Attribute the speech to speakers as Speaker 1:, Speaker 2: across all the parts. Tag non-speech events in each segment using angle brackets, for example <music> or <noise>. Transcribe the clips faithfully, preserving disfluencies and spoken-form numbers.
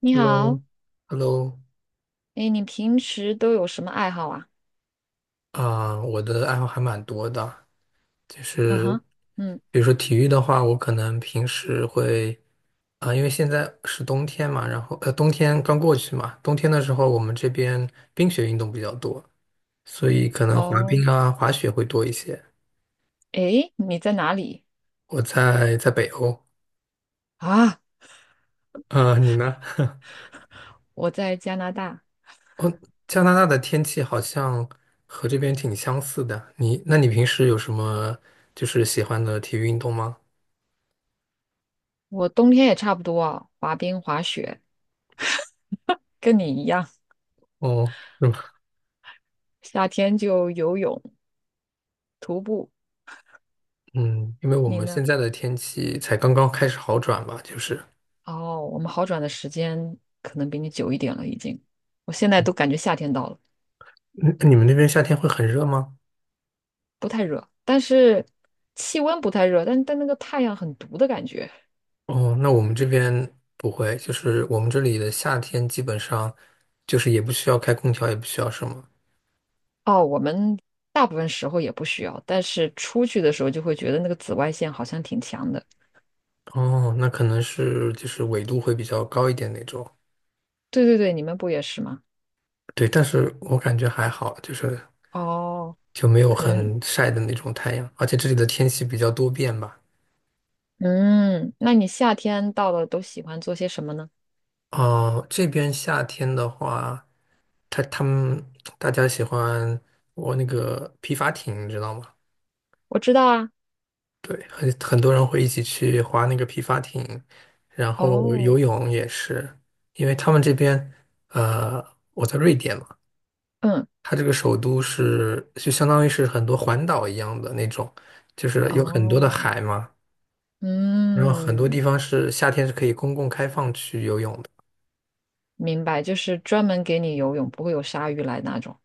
Speaker 1: 你好。
Speaker 2: Hello，Hello，
Speaker 1: 哎，你平时都有什么爱好啊？
Speaker 2: 啊，我的爱好还蛮多的，就
Speaker 1: 嗯
Speaker 2: 是
Speaker 1: 哼。嗯。
Speaker 2: 比如说体育的话，我可能平时会啊，因为现在是冬天嘛，然后呃，冬天刚过去嘛，冬天的时候我们这边冰雪运动比较多，所以可能滑
Speaker 1: 哦。
Speaker 2: 冰啊、滑雪会多一些。
Speaker 1: 哎，你在哪里
Speaker 2: 我在在北欧，
Speaker 1: 啊？
Speaker 2: 呃，你呢？<laughs>
Speaker 1: 我在加拿大。
Speaker 2: 加拿大的天气好像和这边挺相似的。你，那你平时有什么就是喜欢的体育运动吗？
Speaker 1: 我冬天也差不多啊，滑冰、滑雪，跟你一样，
Speaker 2: 哦，<laughs>
Speaker 1: 夏天就游泳、徒步。
Speaker 2: 嗯，因为我
Speaker 1: 你
Speaker 2: 们
Speaker 1: 呢？
Speaker 2: 现在的天气才刚刚开始好转吧，就是，
Speaker 1: 哦，我们好转的时间可能比你久一点了，已经。我现在都感觉夏天到了。
Speaker 2: 嗯你们那边夏天会很热吗？
Speaker 1: 不太热，但是气温不太热，但但那个太阳很毒的感觉。
Speaker 2: 哦，那我们这边不会，就是我们这里的夏天基本上就是也不需要开空调，也不需要什么。
Speaker 1: 哦，我们大部分时候也不需要，但是出去的时候就会觉得那个紫外线好像挺强的。
Speaker 2: 哦，那可能是就是纬度会比较高一点那种。
Speaker 1: 对对对，你们不也是吗？
Speaker 2: 对，但是我感觉还好，就是
Speaker 1: 哦，
Speaker 2: 就没有
Speaker 1: 可能，
Speaker 2: 很晒的那种太阳，而且这里的天气比较多变吧。
Speaker 1: 嗯，那你夏天到了都喜欢做些什么呢？
Speaker 2: 哦，这边夏天的话，他他们大家喜欢我那个皮筏艇，你知道吗？
Speaker 1: 我知道啊。
Speaker 2: 对，很很多人会一起去划那个皮筏艇，然后
Speaker 1: 哦。
Speaker 2: 游泳也是，因为他们这边，呃，我在瑞典嘛，
Speaker 1: 嗯。
Speaker 2: 它这个首都是就相当于是很多环岛一样的那种，就是有很多的
Speaker 1: 哦。
Speaker 2: 海嘛，然后很多地
Speaker 1: 嗯，
Speaker 2: 方是夏天是可以公共开放去游泳的，
Speaker 1: 明白，就是专门给你游泳，不会有鲨鱼来那种。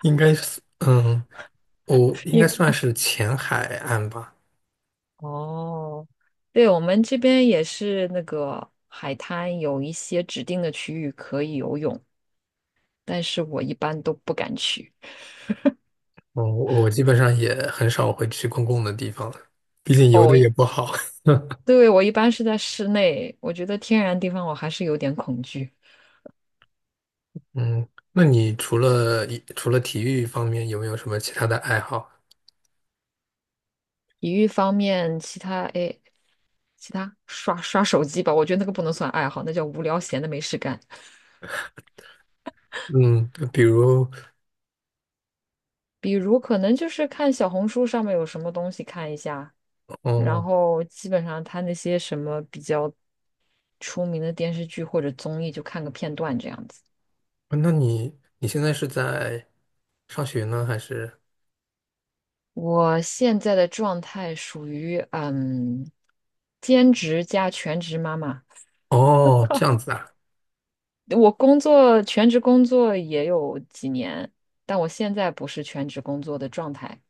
Speaker 2: 应该是，嗯。我应该
Speaker 1: 因
Speaker 2: 算是前海岸吧。
Speaker 1: 哦，对，我们这边也是那个海滩有一些指定的区域可以游泳，但是我一般都不敢去。
Speaker 2: 嗯，我我基本上也很少会去公共的地方了，毕竟游
Speaker 1: 哦，
Speaker 2: 的也不好。<laughs>
Speaker 1: 对，我一般是在室内，我觉得天然地方我还是有点恐惧。
Speaker 2: 嗯，那你除了除了体育方面，有没有什么其他的爱好？
Speaker 1: 体育方面，其他哎，其他刷刷手机吧，我觉得那个不能算爱好，那叫无聊闲的没事干。
Speaker 2: 嗯，比如，
Speaker 1: 比如可能就是看小红书上面有什么东西看一下，然
Speaker 2: 哦，
Speaker 1: 后基本上他那些什么比较出名的电视剧或者综艺就看个片段这样子。
Speaker 2: 那你你现在是在上学呢，还是？
Speaker 1: 我现在的状态属于嗯，兼职加全职妈妈。
Speaker 2: 哦，这样子啊，
Speaker 1: 我工作全职工作也有几年，但我现在不是全职工作的状态。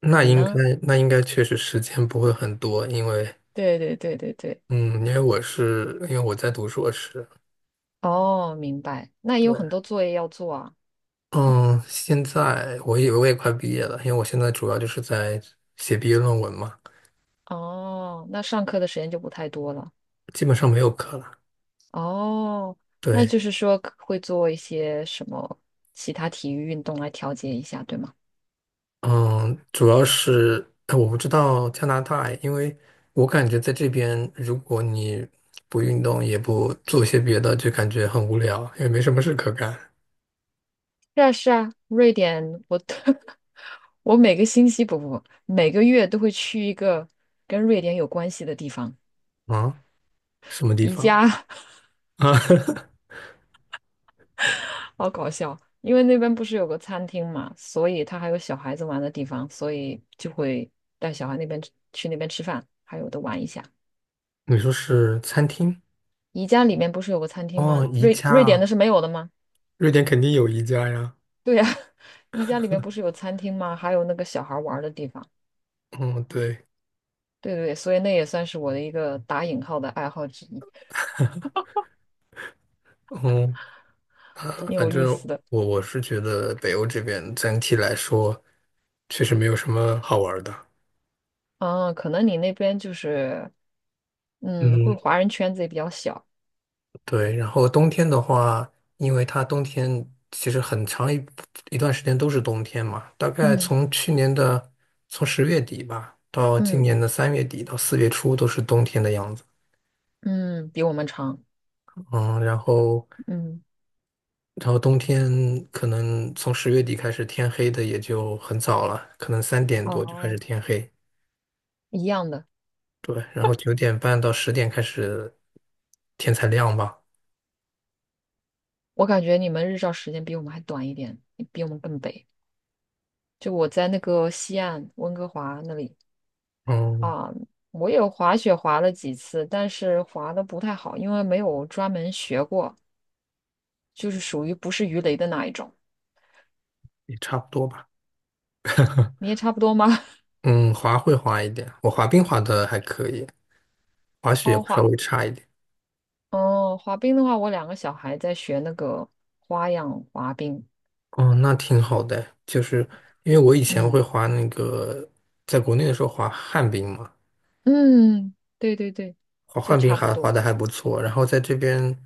Speaker 2: 那
Speaker 1: 你
Speaker 2: 应该
Speaker 1: 呢？
Speaker 2: 那应该确实时间不会很多，因为
Speaker 1: 对对对对对。
Speaker 2: 嗯，因为我是因为我在读硕士，
Speaker 1: 哦，明白。那也有很
Speaker 2: 对。
Speaker 1: 多作业要做啊。
Speaker 2: 嗯，现在我以为我也快毕业了，因为我现在主要就是在写毕业论文嘛，
Speaker 1: 哦，那上课的时间就不太多了。
Speaker 2: 基本上没有课了。
Speaker 1: 哦，那
Speaker 2: 对，
Speaker 1: 就是说可会做一些什么其他体育运动来调节一下，对吗？
Speaker 2: 嗯，主要是呃我不知道加拿大，因为我感觉在这边，如果你不运动也不做些别的，就感觉很无聊，也没什么事可干。
Speaker 1: 是啊，是啊，瑞典，我 <laughs> 我每个星期不不不，每个月都会去一个跟瑞典有关系的地方，
Speaker 2: 啊，什么地
Speaker 1: 宜
Speaker 2: 方
Speaker 1: 家。
Speaker 2: 啊？<laughs>
Speaker 1: 好搞笑，因为那边不是有个餐厅嘛，所以他还有小孩子玩的地方，所以就会带小孩那边吃去那边吃饭，还有的玩一下。
Speaker 2: 你说是餐厅？
Speaker 1: 宜家里面不是有个餐厅
Speaker 2: 哦，
Speaker 1: 吗？
Speaker 2: 宜
Speaker 1: 瑞
Speaker 2: 家
Speaker 1: 瑞典的
Speaker 2: 啊，
Speaker 1: 是没有的吗？
Speaker 2: 瑞典肯定有宜家呀。
Speaker 1: 对呀、<laughs> 宜家里面不是有餐厅吗？还有那个小孩玩儿的地方。
Speaker 2: 嗯，对，
Speaker 1: 对对对，所以那也算是我的一个打引号的爱好之一，
Speaker 2: 嗯 <laughs> 啊，
Speaker 1: 挺
Speaker 2: 反
Speaker 1: 有意
Speaker 2: 正
Speaker 1: 思的。
Speaker 2: 我我是觉得北欧这边整体来说确实没有什么好玩儿的。
Speaker 1: 嗯，可能你那边就是，嗯，会
Speaker 2: 嗯，
Speaker 1: 华人圈子也比较小。
Speaker 2: 对。然后冬天的话，因为它冬天其实很长一一段时间都是冬天嘛，大概
Speaker 1: 嗯
Speaker 2: 从去年的从十月底吧，到今
Speaker 1: 嗯
Speaker 2: 年的三月底到四月初都是冬天的样子。
Speaker 1: 嗯，比我们长。
Speaker 2: 嗯，然后
Speaker 1: 嗯。
Speaker 2: 然后冬天可能从十月底开始天黑的也就很早了，可能三点多就开始
Speaker 1: 哦。
Speaker 2: 天黑。
Speaker 1: 一样的。
Speaker 2: 对，然后九点半到十点开始，天才亮吧，
Speaker 1: 我感觉你们日照时间比我们还短一点，比我们更北。就我在那个西岸温哥华那里
Speaker 2: 嗯，
Speaker 1: 啊，我有滑雪滑了几次，但是滑的不太好，因为没有专门学过，就是属于不是鱼雷的那一种。
Speaker 2: 也差不多吧。<laughs>
Speaker 1: 你也差不多吗？
Speaker 2: 嗯，滑会滑一点，我滑冰滑的还可以，滑
Speaker 1: <laughs>
Speaker 2: 雪
Speaker 1: 哦，
Speaker 2: 稍
Speaker 1: 滑，
Speaker 2: 微差一点。
Speaker 1: 哦，滑冰的话，我两个小孩在学那个花样滑冰。
Speaker 2: 哦，那挺好的，就是因为我以前会
Speaker 1: 嗯
Speaker 2: 滑那个，在国内的时候滑旱冰嘛，
Speaker 1: 嗯，对对对，
Speaker 2: 滑
Speaker 1: 所以
Speaker 2: 旱冰
Speaker 1: 差不
Speaker 2: 还滑
Speaker 1: 多。
Speaker 2: 的还不错，然后在这边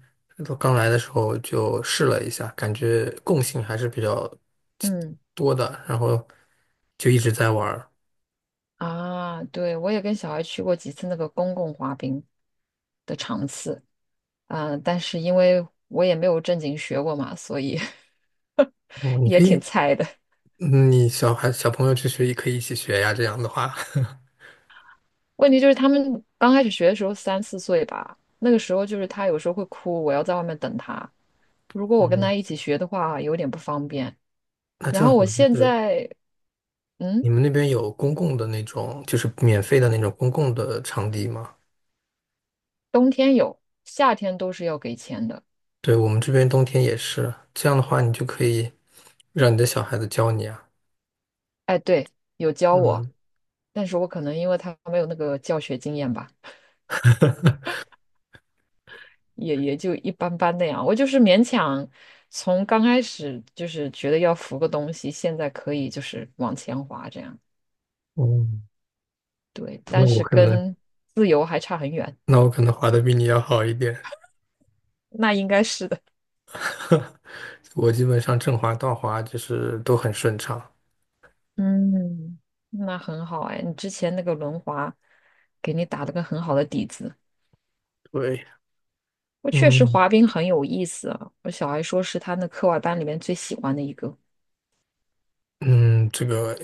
Speaker 2: 刚来的时候就试了一下，感觉共性还是比较
Speaker 1: 嗯。
Speaker 2: 多的，然后就一直在玩儿。
Speaker 1: 啊，对，我也跟小孩去过几次那个公共滑冰的场次。嗯，但是因为我也没有正经学过嘛，所以 <laughs>
Speaker 2: 哦，你
Speaker 1: 也
Speaker 2: 可
Speaker 1: 挺
Speaker 2: 以，
Speaker 1: 菜的。
Speaker 2: 嗯你小孩小朋友去学也可以一起学呀，这样的话，<laughs>
Speaker 1: 问题就是他们刚开始学的时候三四岁吧，那个时候就是他有时候会哭，我要在外面等他。如果我跟
Speaker 2: 嗯，
Speaker 1: 他一起学的话，有点不方便。
Speaker 2: 那
Speaker 1: 然
Speaker 2: 正
Speaker 1: 后
Speaker 2: 好
Speaker 1: 我
Speaker 2: 就
Speaker 1: 现
Speaker 2: 是
Speaker 1: 在，嗯，
Speaker 2: 你们那边有公共的那种，就是免费的那种公共的场地吗？
Speaker 1: 冬天有，夏天都是要给钱的。
Speaker 2: 对，我们这边冬天也是，这样的话你就可以让你的小孩子教你啊。
Speaker 1: 哎，对，有教我，
Speaker 2: 嗯，
Speaker 1: 但是我可能因为他没有那个教学经验吧，
Speaker 2: <laughs>
Speaker 1: 也也就一般般那样。我就是勉强从刚开始就是觉得要扶个东西，现在可以就是往前滑这样。
Speaker 2: 哦，
Speaker 1: 对，
Speaker 2: 那
Speaker 1: 但
Speaker 2: 我
Speaker 1: 是
Speaker 2: 可能，
Speaker 1: 跟自由还差很远，
Speaker 2: 那我可能滑的比你要好一点，
Speaker 1: 那应该是的。
Speaker 2: <laughs> 我基本上正滑、倒滑就是都很顺畅。
Speaker 1: <laughs> 嗯，那很好哎，你之前那个轮滑给你打了个很好的底子。
Speaker 2: 对，
Speaker 1: 我确实
Speaker 2: 嗯
Speaker 1: 滑冰很有意思啊，我小孩说是他那课外班里面最喜欢的一个。
Speaker 2: 嗯，这个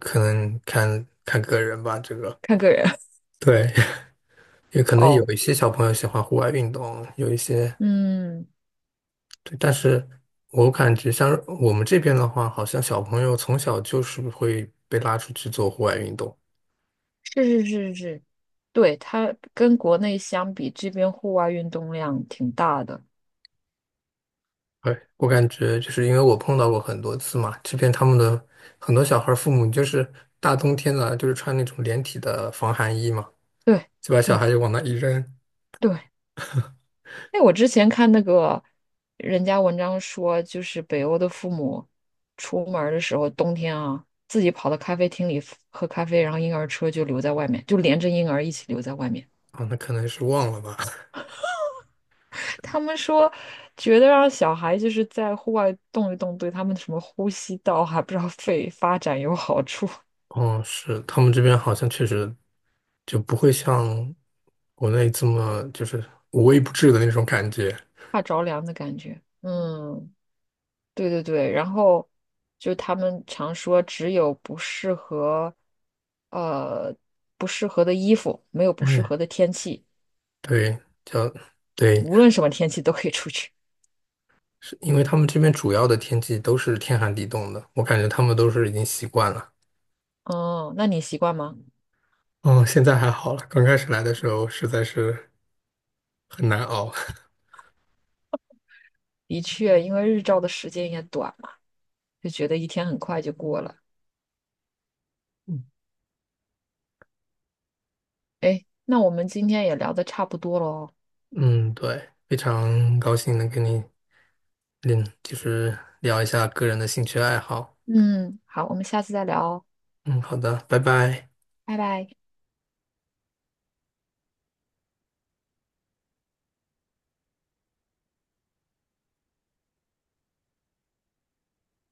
Speaker 2: 可能看看个人吧，这个。
Speaker 1: 看个人。
Speaker 2: 对，也可
Speaker 1: <laughs>
Speaker 2: 能有
Speaker 1: 哦。
Speaker 2: 一些小朋友喜欢户外运动，有一些，
Speaker 1: 嗯，
Speaker 2: 对，但是我感觉像我们这边的话，好像小朋友从小就是会被拉出去做户外运动。
Speaker 1: 是是是是，对，它跟国内相比，这边户外运动量挺大的。
Speaker 2: 对，我感觉就是因为我碰到过很多次嘛，这边他们的很多小孩儿父母就是大冬天的，就是穿那种连体的防寒衣嘛，
Speaker 1: 对
Speaker 2: 就把小孩
Speaker 1: 对
Speaker 2: 就往那一扔，
Speaker 1: 对。哎，我之前看那个人家文章说，就是北欧的父母出门儿的时候，冬天啊，自己跑到咖啡厅里喝咖啡，然后婴儿车就留在外面，就连着婴儿一起留在外面。
Speaker 2: 啊，那可能是忘了吧。
Speaker 1: <laughs> 他们说，觉得让小孩就是在户外动一动，对他们什么呼吸道还不知道肺发展有好处。
Speaker 2: 哦，是，他们这边好像确实就不会像国内这么就是无微不至的那种感觉。
Speaker 1: 怕着凉的感觉。嗯，对对对。然后就他们常说，只有不适合，呃，不适合的衣服，没有不适
Speaker 2: 嗯，
Speaker 1: 合的天气，
Speaker 2: 对，叫对，
Speaker 1: 无论什么天气都可以出去。
Speaker 2: 是因为他们这边主要的天气都是天寒地冻的，我感觉他们都是已经习惯了。
Speaker 1: 哦，那你习惯吗？
Speaker 2: 嗯，现在还好了，刚开始来的时候实在是很难熬。
Speaker 1: 的确，因为日照的时间也短嘛，就觉得一天很快就过了。哎，那我们今天也聊的差不多喽。
Speaker 2: <laughs> 嗯，对，非常高兴能跟你嗯，就是聊一下个人的兴趣爱好。
Speaker 1: 嗯，好，我们下次再聊哦，
Speaker 2: 嗯，好的，拜拜。
Speaker 1: 拜拜。